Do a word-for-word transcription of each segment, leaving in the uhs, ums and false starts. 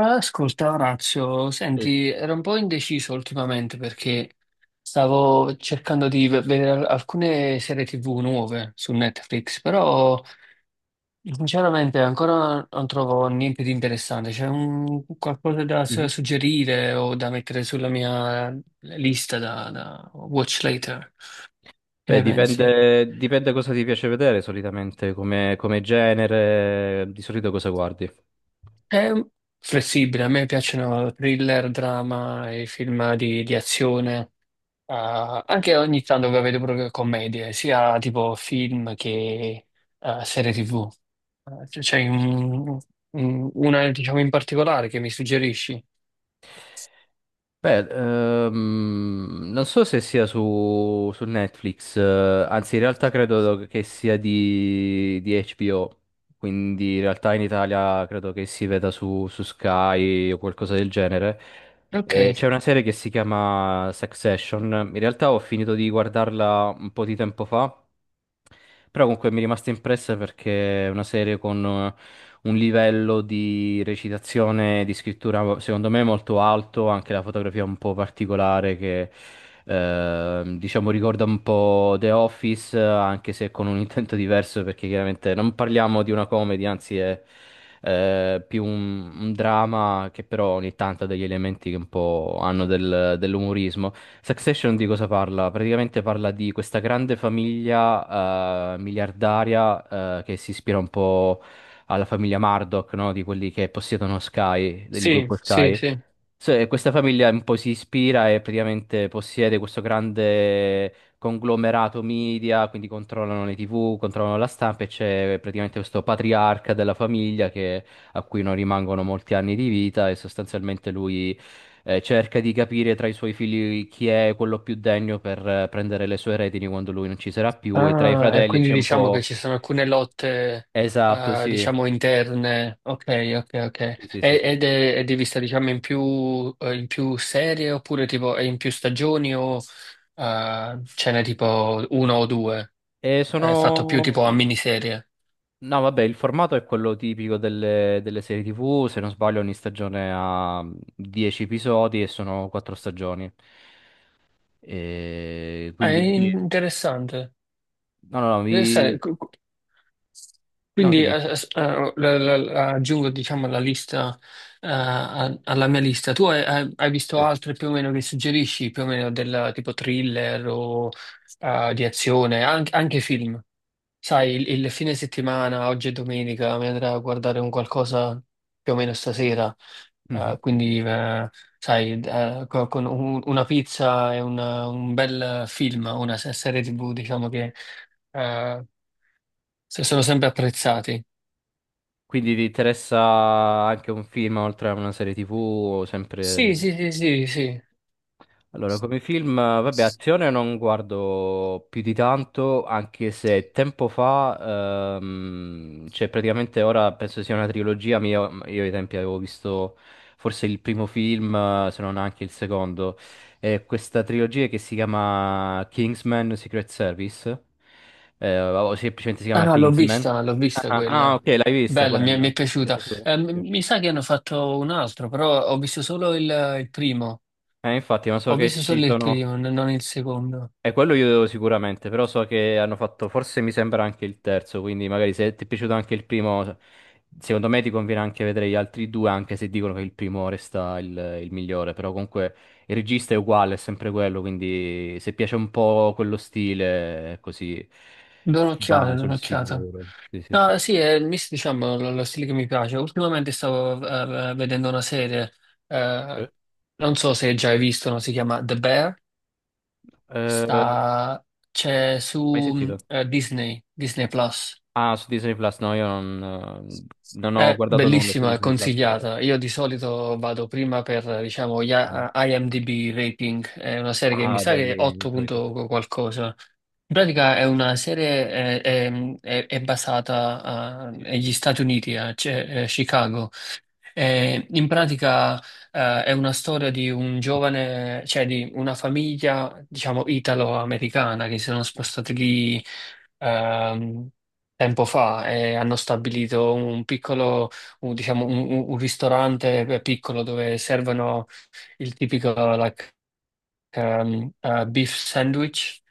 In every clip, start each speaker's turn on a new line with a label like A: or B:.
A: Ascolta, Orazio,
B: Mm.
A: senti, ero un po' indeciso ultimamente perché stavo cercando di v- vedere al- alcune serie T V nuove su Netflix, però sinceramente ancora non trovo niente di interessante. C'è un- qualcosa da su-
B: Mhm.
A: suggerire o da mettere sulla mia lista da, da watch later? Che
B: Beh,
A: ne pensi?
B: dipende, dipende cosa ti piace vedere solitamente, come, come genere, di solito cosa guardi.
A: È flessibile, a me piacciono thriller, drama e film di di azione. Ah, anche ogni tanto che vedo proprio commedie, sia tipo film che eh, serie T V. Eh, c- C'è un- un- una, diciamo, in particolare che mi suggerisci?
B: Beh, ehm, non so se sia su, su Netflix, eh, anzi in realtà credo che sia di, di H B O, quindi in realtà in Italia credo che si veda su, su Sky o qualcosa del genere. Eh,
A: Ok,
B: c'è una serie che si chiama Succession. In realtà ho finito di guardarla un po' di tempo fa, però comunque mi è rimasta impressa perché è una serie con eh, un livello di recitazione, di scrittura secondo me molto alto, anche la fotografia un po' particolare che ehm, diciamo ricorda un po' The Office, eh, anche se con un intento diverso perché chiaramente non parliamo di una comedy, anzi è eh, più un, un dramma che però ogni tanto ha degli elementi che un po' hanno del- dell'umorismo. Succession di cosa parla? Praticamente parla di questa grande famiglia eh, miliardaria eh, che si ispira un po' alla famiglia Murdoch, no? Di quelli che possiedono Sky, del
A: sì,
B: gruppo
A: sì,
B: Sky.
A: sì.
B: So- e questa famiglia un po' si ispira e praticamente possiede questo grande conglomerato media, quindi controllano le T V, controllano la stampa e c'è praticamente questo patriarca della famiglia che- a cui non rimangono molti anni di vita e sostanzialmente lui eh, cerca di capire tra i suoi figli chi è quello più degno per eh, prendere le sue retini quando lui non ci sarà più, e tra i
A: Ah, e
B: fratelli
A: quindi
B: c'è un
A: diciamo che
B: po'...
A: ci sono alcune lotte,
B: Esatto,
A: eh,
B: sì.
A: diciamo, interne. Ok, ok, ok.
B: Sì, sì, sì,
A: E-
B: sì.
A: Ed è, è di vista, diciamo, in più, eh, in più serie oppure tipo è in più stagioni o eh, ce n'è tipo uno o due?
B: E
A: È fatto più
B: sono...
A: tipo a miniserie.
B: No, vabbè, il formato è quello tipico delle, delle serie T V Se non sbaglio ogni stagione ha dieci episodi e sono quattro stagioni. E
A: Ah, è
B: quindi... sì.
A: interessante.
B: No, no, no,
A: Interessante.
B: vi...
A: Qu- qu-
B: No,
A: Quindi eh,
B: dimmi.
A: eh, eh, la- la- la- aggiungo diciamo la lista eh, a- alla mia lista. Tu hai, hai- hai visto
B: Sì.
A: altre più o meno che suggerisci, più o meno del tipo thriller o eh, di azione, anche, anche film? Sai, il, il fine settimana, oggi è domenica, mi andrà a guardare un qualcosa più o meno stasera. Eh,
B: Mhm.
A: quindi, eh, sai, eh, co- con un- una pizza e una- un bel film, una se- serie T V, diciamo che eh, se- sono sempre apprezzati.
B: Quindi ti interessa anche un film oltre a una serie tivù,
A: Sì,
B: sempre...
A: sì, sì, sì, sì.
B: Allora, come film, vabbè, azione non guardo più di tanto, anche se tempo fa, ehm, cioè praticamente ora penso sia una trilogia, ma io, io ai tempi avevo visto forse il primo film, eh, se non anche il secondo, è questa trilogia che si chiama Kingsman Secret Service, eh, o semplicemente si
A: Ah,
B: chiama
A: no, l'ho
B: Kingsman.
A: vista, l'ho vista
B: Ah,
A: quella.
B: ah, ok, l'hai vista
A: Bella, mi, è
B: quella.
A: mi è
B: Ti è
A: piaciuta.
B: piaciuta?
A: Eh, mi
B: Sì.
A: mi sa che hanno fatto un altro, però ho visto solo il, il primo.
B: Eh, infatti, ma so
A: Ho
B: che
A: visto
B: ci
A: solo il
B: sono...
A: primo, n- non il secondo.
B: E quello io devo sicuramente, però so che hanno fatto, forse mi sembra anche il terzo, quindi magari se ti è piaciuto anche il primo, secondo me ti conviene anche vedere gli altri due, anche se dicono che il primo resta il, il migliore, però comunque il regista è uguale, è sempre quello, quindi se piace un po' quello stile, così
A: Do
B: ti va
A: un'occhiata, do
B: sul
A: un'occhiata.
B: sicuro. Sì, sì, sì.
A: No, sì, è il mix, diciamo, lo, lo stile che mi piace. Ultimamente stavo eh, vedendo una serie,
B: Eh?
A: eh, non so se già hai visto, no? Si chiama The Bear,
B: Eh,
A: sta, c'è
B: mai
A: su mm,
B: sentito?
A: eh, Disney, Disney Plus.
B: Ah, su Disney Plus, no, io non, eh, non ho
A: È
B: guardato nulla su
A: bellissima, è
B: Disney Plus per ora.
A: consigliata. Io di solito vado prima per, diciamo, gli
B: Mm.
A: A- IMDb rating. È una serie che mi
B: Ah,
A: sa che è
B: belli,
A: otto
B: trovi tutto.
A: punto qualcosa. In pratica è una serie, eh, è, è- è basata, eh,
B: Sì.
A: negli Stati Uniti, a cioè, eh, Chicago. Eh, in pratica, eh, è una storia di un
B: Mhm.
A: giovane, cioè di una famiglia, diciamo, italo-americana che si sono spostati lì ehm, tempo fa e hanno stabilito un piccolo, un- diciamo, un, un- un ristorante eh, piccolo dove servono il tipico like, ehm, eh, beef sandwich.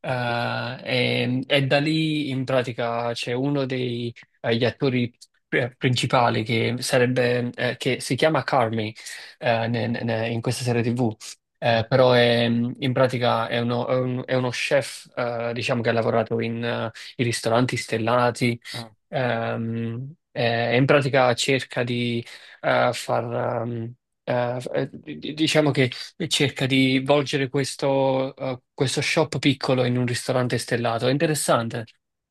A: Eh, e, e da lì in pratica c'è uno degli attori eh, principali che sarebbe eh, che si chiama Carmi eh, ne- ne- in questa serie T V.
B: Ah,
A: Eh,
B: ok.
A: però è, in pratica è uno, è un- è uno chef, eh, diciamo, che ha lavorato in, eh, in ristoranti stellati,
B: Ah,
A: ehm, eh, e in pratica cerca di eh, far, ehm, eh, f- eh, di- di- diciamo che e cerca di volgere questo, eh, questo shop piccolo in un ristorante stellato. È interessante.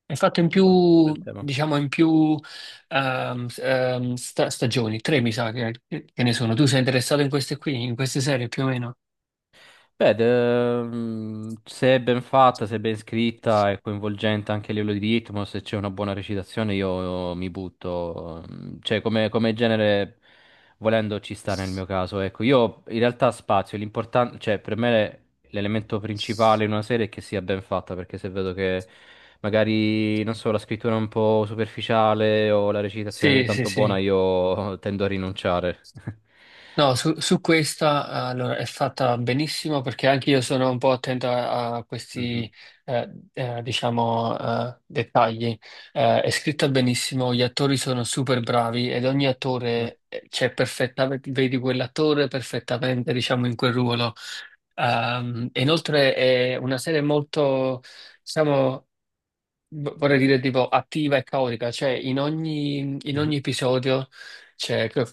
A: È fatto in
B: oh,
A: più,
B: bel tema.
A: diciamo, in più ehm, s- ehm, sta- stagioni, tre mi sa che, che ne sono. Tu sei interessato in queste qui, in queste serie più o meno?
B: Beh, de- mm, se è ben fatta, se è ben scritta, è coinvolgente anche a livello di ritmo, se c'è una buona recitazione io mi butto, mm, cioè come, come genere volendo ci sta nel mio caso, ecco. Io in realtà spazio, l'importante, cioè per me l'elemento principale in una serie è che sia ben fatta, perché se vedo che magari, non so, la scrittura è un po' superficiale o la recitazione non è
A: Sì, sì,
B: tanto buona,
A: sì.
B: io tendo a rinunciare.
A: No, su, su questa allora, è fatta benissimo perché anche io sono un po' attento a, a
B: Mhm.
A: questi, eh, eh, diciamo, eh, dettagli. Eh, è scritta benissimo, gli attori sono super bravi ed ogni
B: Eh.
A: attore eh, c'è perfettamente, vedi quell'attore perfettamente, diciamo, in quel ruolo. Ehm, e inoltre è una serie molto, diciamo, v- vorrei dire tipo attiva e caotica, cioè in ogni, in ogni
B: Mhm.
A: episodio c'è, che-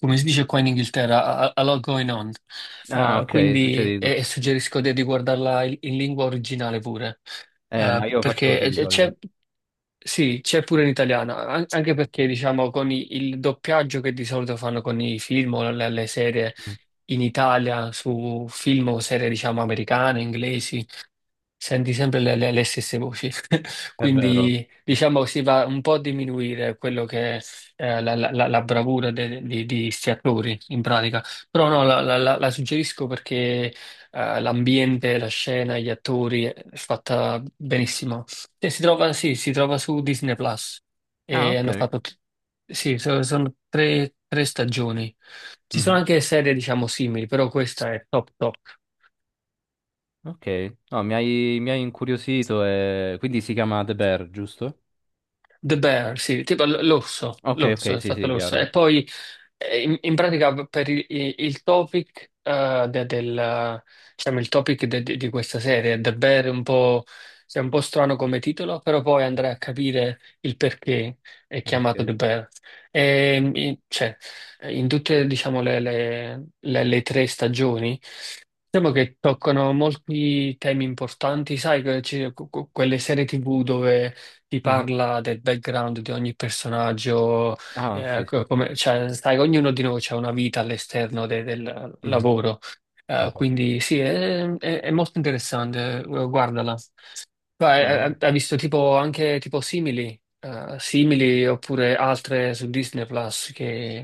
A: come si dice qua in Inghilterra, a, a- a lot going on.
B: Ah,
A: Eh,
B: ok, succede
A: quindi
B: di
A: e- e
B: tutto.
A: suggerisco di, di guardarla in, in lingua originale pure.
B: Eh,
A: Eh,
B: ma io faccio così
A: perché
B: di
A: c'è,
B: solito.
A: c'è- sì, c'è
B: Sì,
A: pure in
B: sì.
A: italiano, an- anche perché diciamo con i- il doppiaggio che di solito fanno con i film o le le serie
B: Mm.
A: in Italia su film o serie, diciamo, americane, inglesi. Senti sempre le, le- le stesse voci,
B: È vero.
A: quindi diciamo si va un po' a diminuire quello che è eh, la, la- la- la bravura de- di, di sti attori in pratica, però no, la, la- la- la suggerisco perché eh, l'ambiente, la scena, gli attori eh, è fatta benissimo. E si trova, sì, si trova su Disney Plus
B: Ah,
A: e hanno
B: ok.
A: fatto, t- sì, so- sono tre, tre stagioni. Ci sono
B: Mhm.
A: anche serie diciamo simili, però questa è top top.
B: Ok. No, mi hai, mi hai incuriosito e... Quindi si chiama The Bear, giusto?
A: The Bear, sì, tipo l- l'orso,
B: Ok,
A: l'orso,
B: ok,
A: è
B: sì,
A: stato
B: sì,
A: l'orso. E
B: chiaro.
A: poi eh, in, in pratica per il, il- il topic, eh, de- del, diciamo, il topic de- de- di questa serie, The Bear è un po', sì, è un po' strano come titolo, però poi andrai a capire il perché è chiamato The
B: Ok.
A: Bear. E, mm, cioè, in tutte, diciamo, le, le- le- le tre stagioni diciamo che toccano molti temi importanti, sai, que- ci- que- que- quelle serie T V dove ti
B: Mhm.
A: parla del background di ogni personaggio,
B: Ah, sì,
A: eh,
B: sì.
A: co- come, cioè, sai, ognuno di noi ha una vita all'esterno de- del
B: Mhm.
A: lavoro. Eh,
B: Chiaro.
A: quindi sì, è, è- è molto interessante, eh, guardala. Ma,
B: No,
A: eh, hai visto tipo anche tipo simili, eh, simili oppure altre su Disney Plus che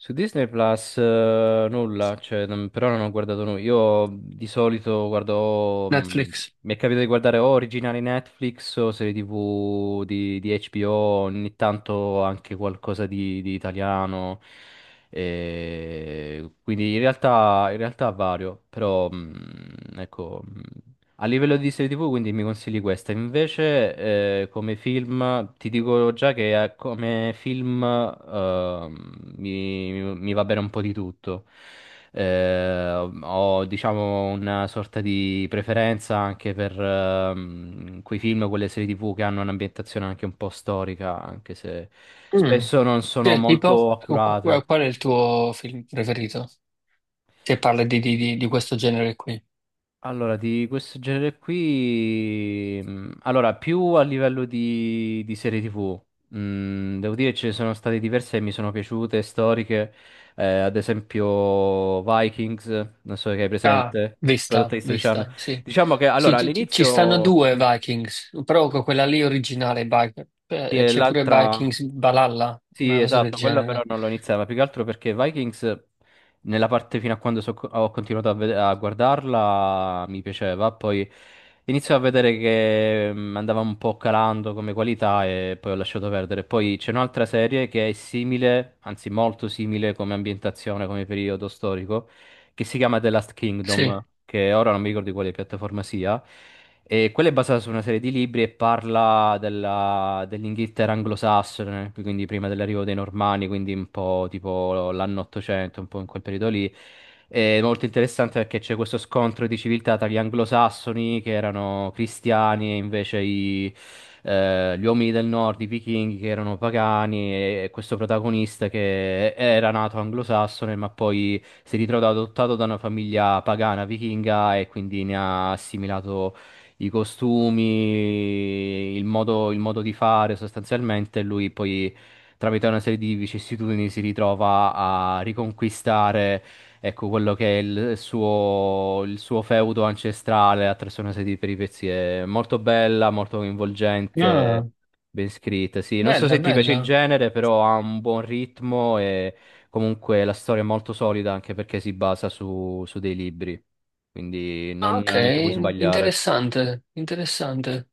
B: su Disney Plus eh, nulla, cioè, non- però non ho guardato nulla. Io di solito guardo, mh,
A: Netflix?
B: mi è capitato di guardare o originali Netflix o serie T V di, di H B O, ogni tanto anche qualcosa di, di italiano. E quindi in realtà, in realtà vario, però mh, ecco. mm, a livello di serie T V, quindi mi consigli questa. Invece, eh, come film, ti dico già che eh, come film ehm, mi, mi- mi va bene un po' di tutto. Eh, ho, diciamo, una sorta di preferenza anche per ehm, quei film, quelle serie T V che hanno un'ambientazione anche un po' storica, anche se spesso non sono
A: Cioè, tipo,
B: molto
A: qu- qu-
B: accurate.
A: qual è il tuo film preferito? Se parla di, di- di- di questo genere qui.
B: Allora, di questo genere qui, mh, allora, più a livello di, di serie T V, mh, devo dire ce ne sono state diverse che mi sono piaciute, storiche, eh, ad esempio Vikings, non so che hai
A: Ah,
B: presente, prodotta
A: vista,
B: di History Channel.
A: vista, sì.
B: Diciamo che, allora,
A: Sì, ci, ci- ci stanno
B: all'inizio,
A: due
B: mh,
A: Vikings, però con quella lì originale, Vi-
B: sì,
A: eh,
B: è
A: c'è pure
B: l'altra...
A: Vikings Valhalla,
B: Sì,
A: una cosa del
B: esatto, quella però
A: genere.
B: non l'ho iniziata, ma più che altro perché Vikings, nella parte fino a quando so- ho continuato a, vede- a guardarla, mi piaceva, poi inizio a vedere che mm, andava un po' calando come qualità e poi ho lasciato perdere. Poi c'è un'altra serie che è simile, anzi molto simile come ambientazione, come periodo storico, che si chiama The Last
A: Sì.
B: Kingdom, che ora non mi ricordo di quale piattaforma sia. E quella è basata su una serie di libri e parla della- dell'Inghilterra anglosassone, quindi prima dell'arrivo dei Normanni, quindi un po' tipo l'anno ottocento, un po' in quel periodo lì. È molto interessante perché c'è questo scontro di civiltà tra gli anglosassoni che erano cristiani e invece i, eh, gli uomini del nord, i vichinghi che erano pagani, e questo protagonista che era nato anglosassone ma poi si ritrova adottato da una famiglia pagana vichinga e quindi ne ha assimilato i costumi, il modo, il modo di fare sostanzialmente. Lui poi, tramite una serie di vicissitudini, si ritrova a riconquistare, ecco, quello che è il suo, il suo feudo ancestrale attraverso una serie di peripezie. Molto bella, molto coinvolgente.
A: Ah,
B: Ben scritta, sì. Non so
A: bella,
B: se ti piace il
A: bella.
B: genere, però ha un buon ritmo. E comunque la storia è molto solida anche perché si basa su, su dei libri, quindi
A: Ah,
B: non,
A: ok,
B: non ti puoi sbagliare.
A: interessante, interessante.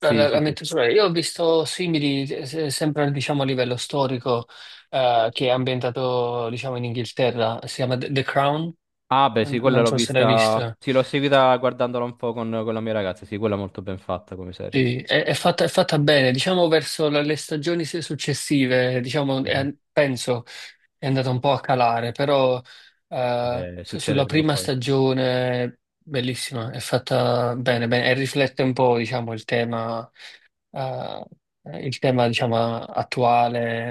A: La, la- la
B: sì, sì.
A: metto sulla- Io ho visto simili, eh, se- sempre diciamo, a livello storico, eh, che è ambientato diciamo, in Inghilterra. Si chiama The The Crown.
B: Ah, beh, sì,
A: N-
B: quella
A: non
B: l'ho
A: so se l'hai
B: vista.
A: vista.
B: Sì, l'ho seguita guardandola un po' con, con la mia ragazza. Sì, quella è molto ben fatta come serie.
A: Sì, è, è fatta, è fatta bene, diciamo verso la- le stagioni se- successive, diciamo,
B: Mhm.
A: è- penso è andata un po' a calare, però eh,
B: Vabbè,
A: su-
B: succede
A: sulla
B: prima o
A: prima
B: poi.
A: stagione bellissima, è fatta bene, bene, e riflette un po', diciamo, il tema. Eh, il tema, diciamo, attuale.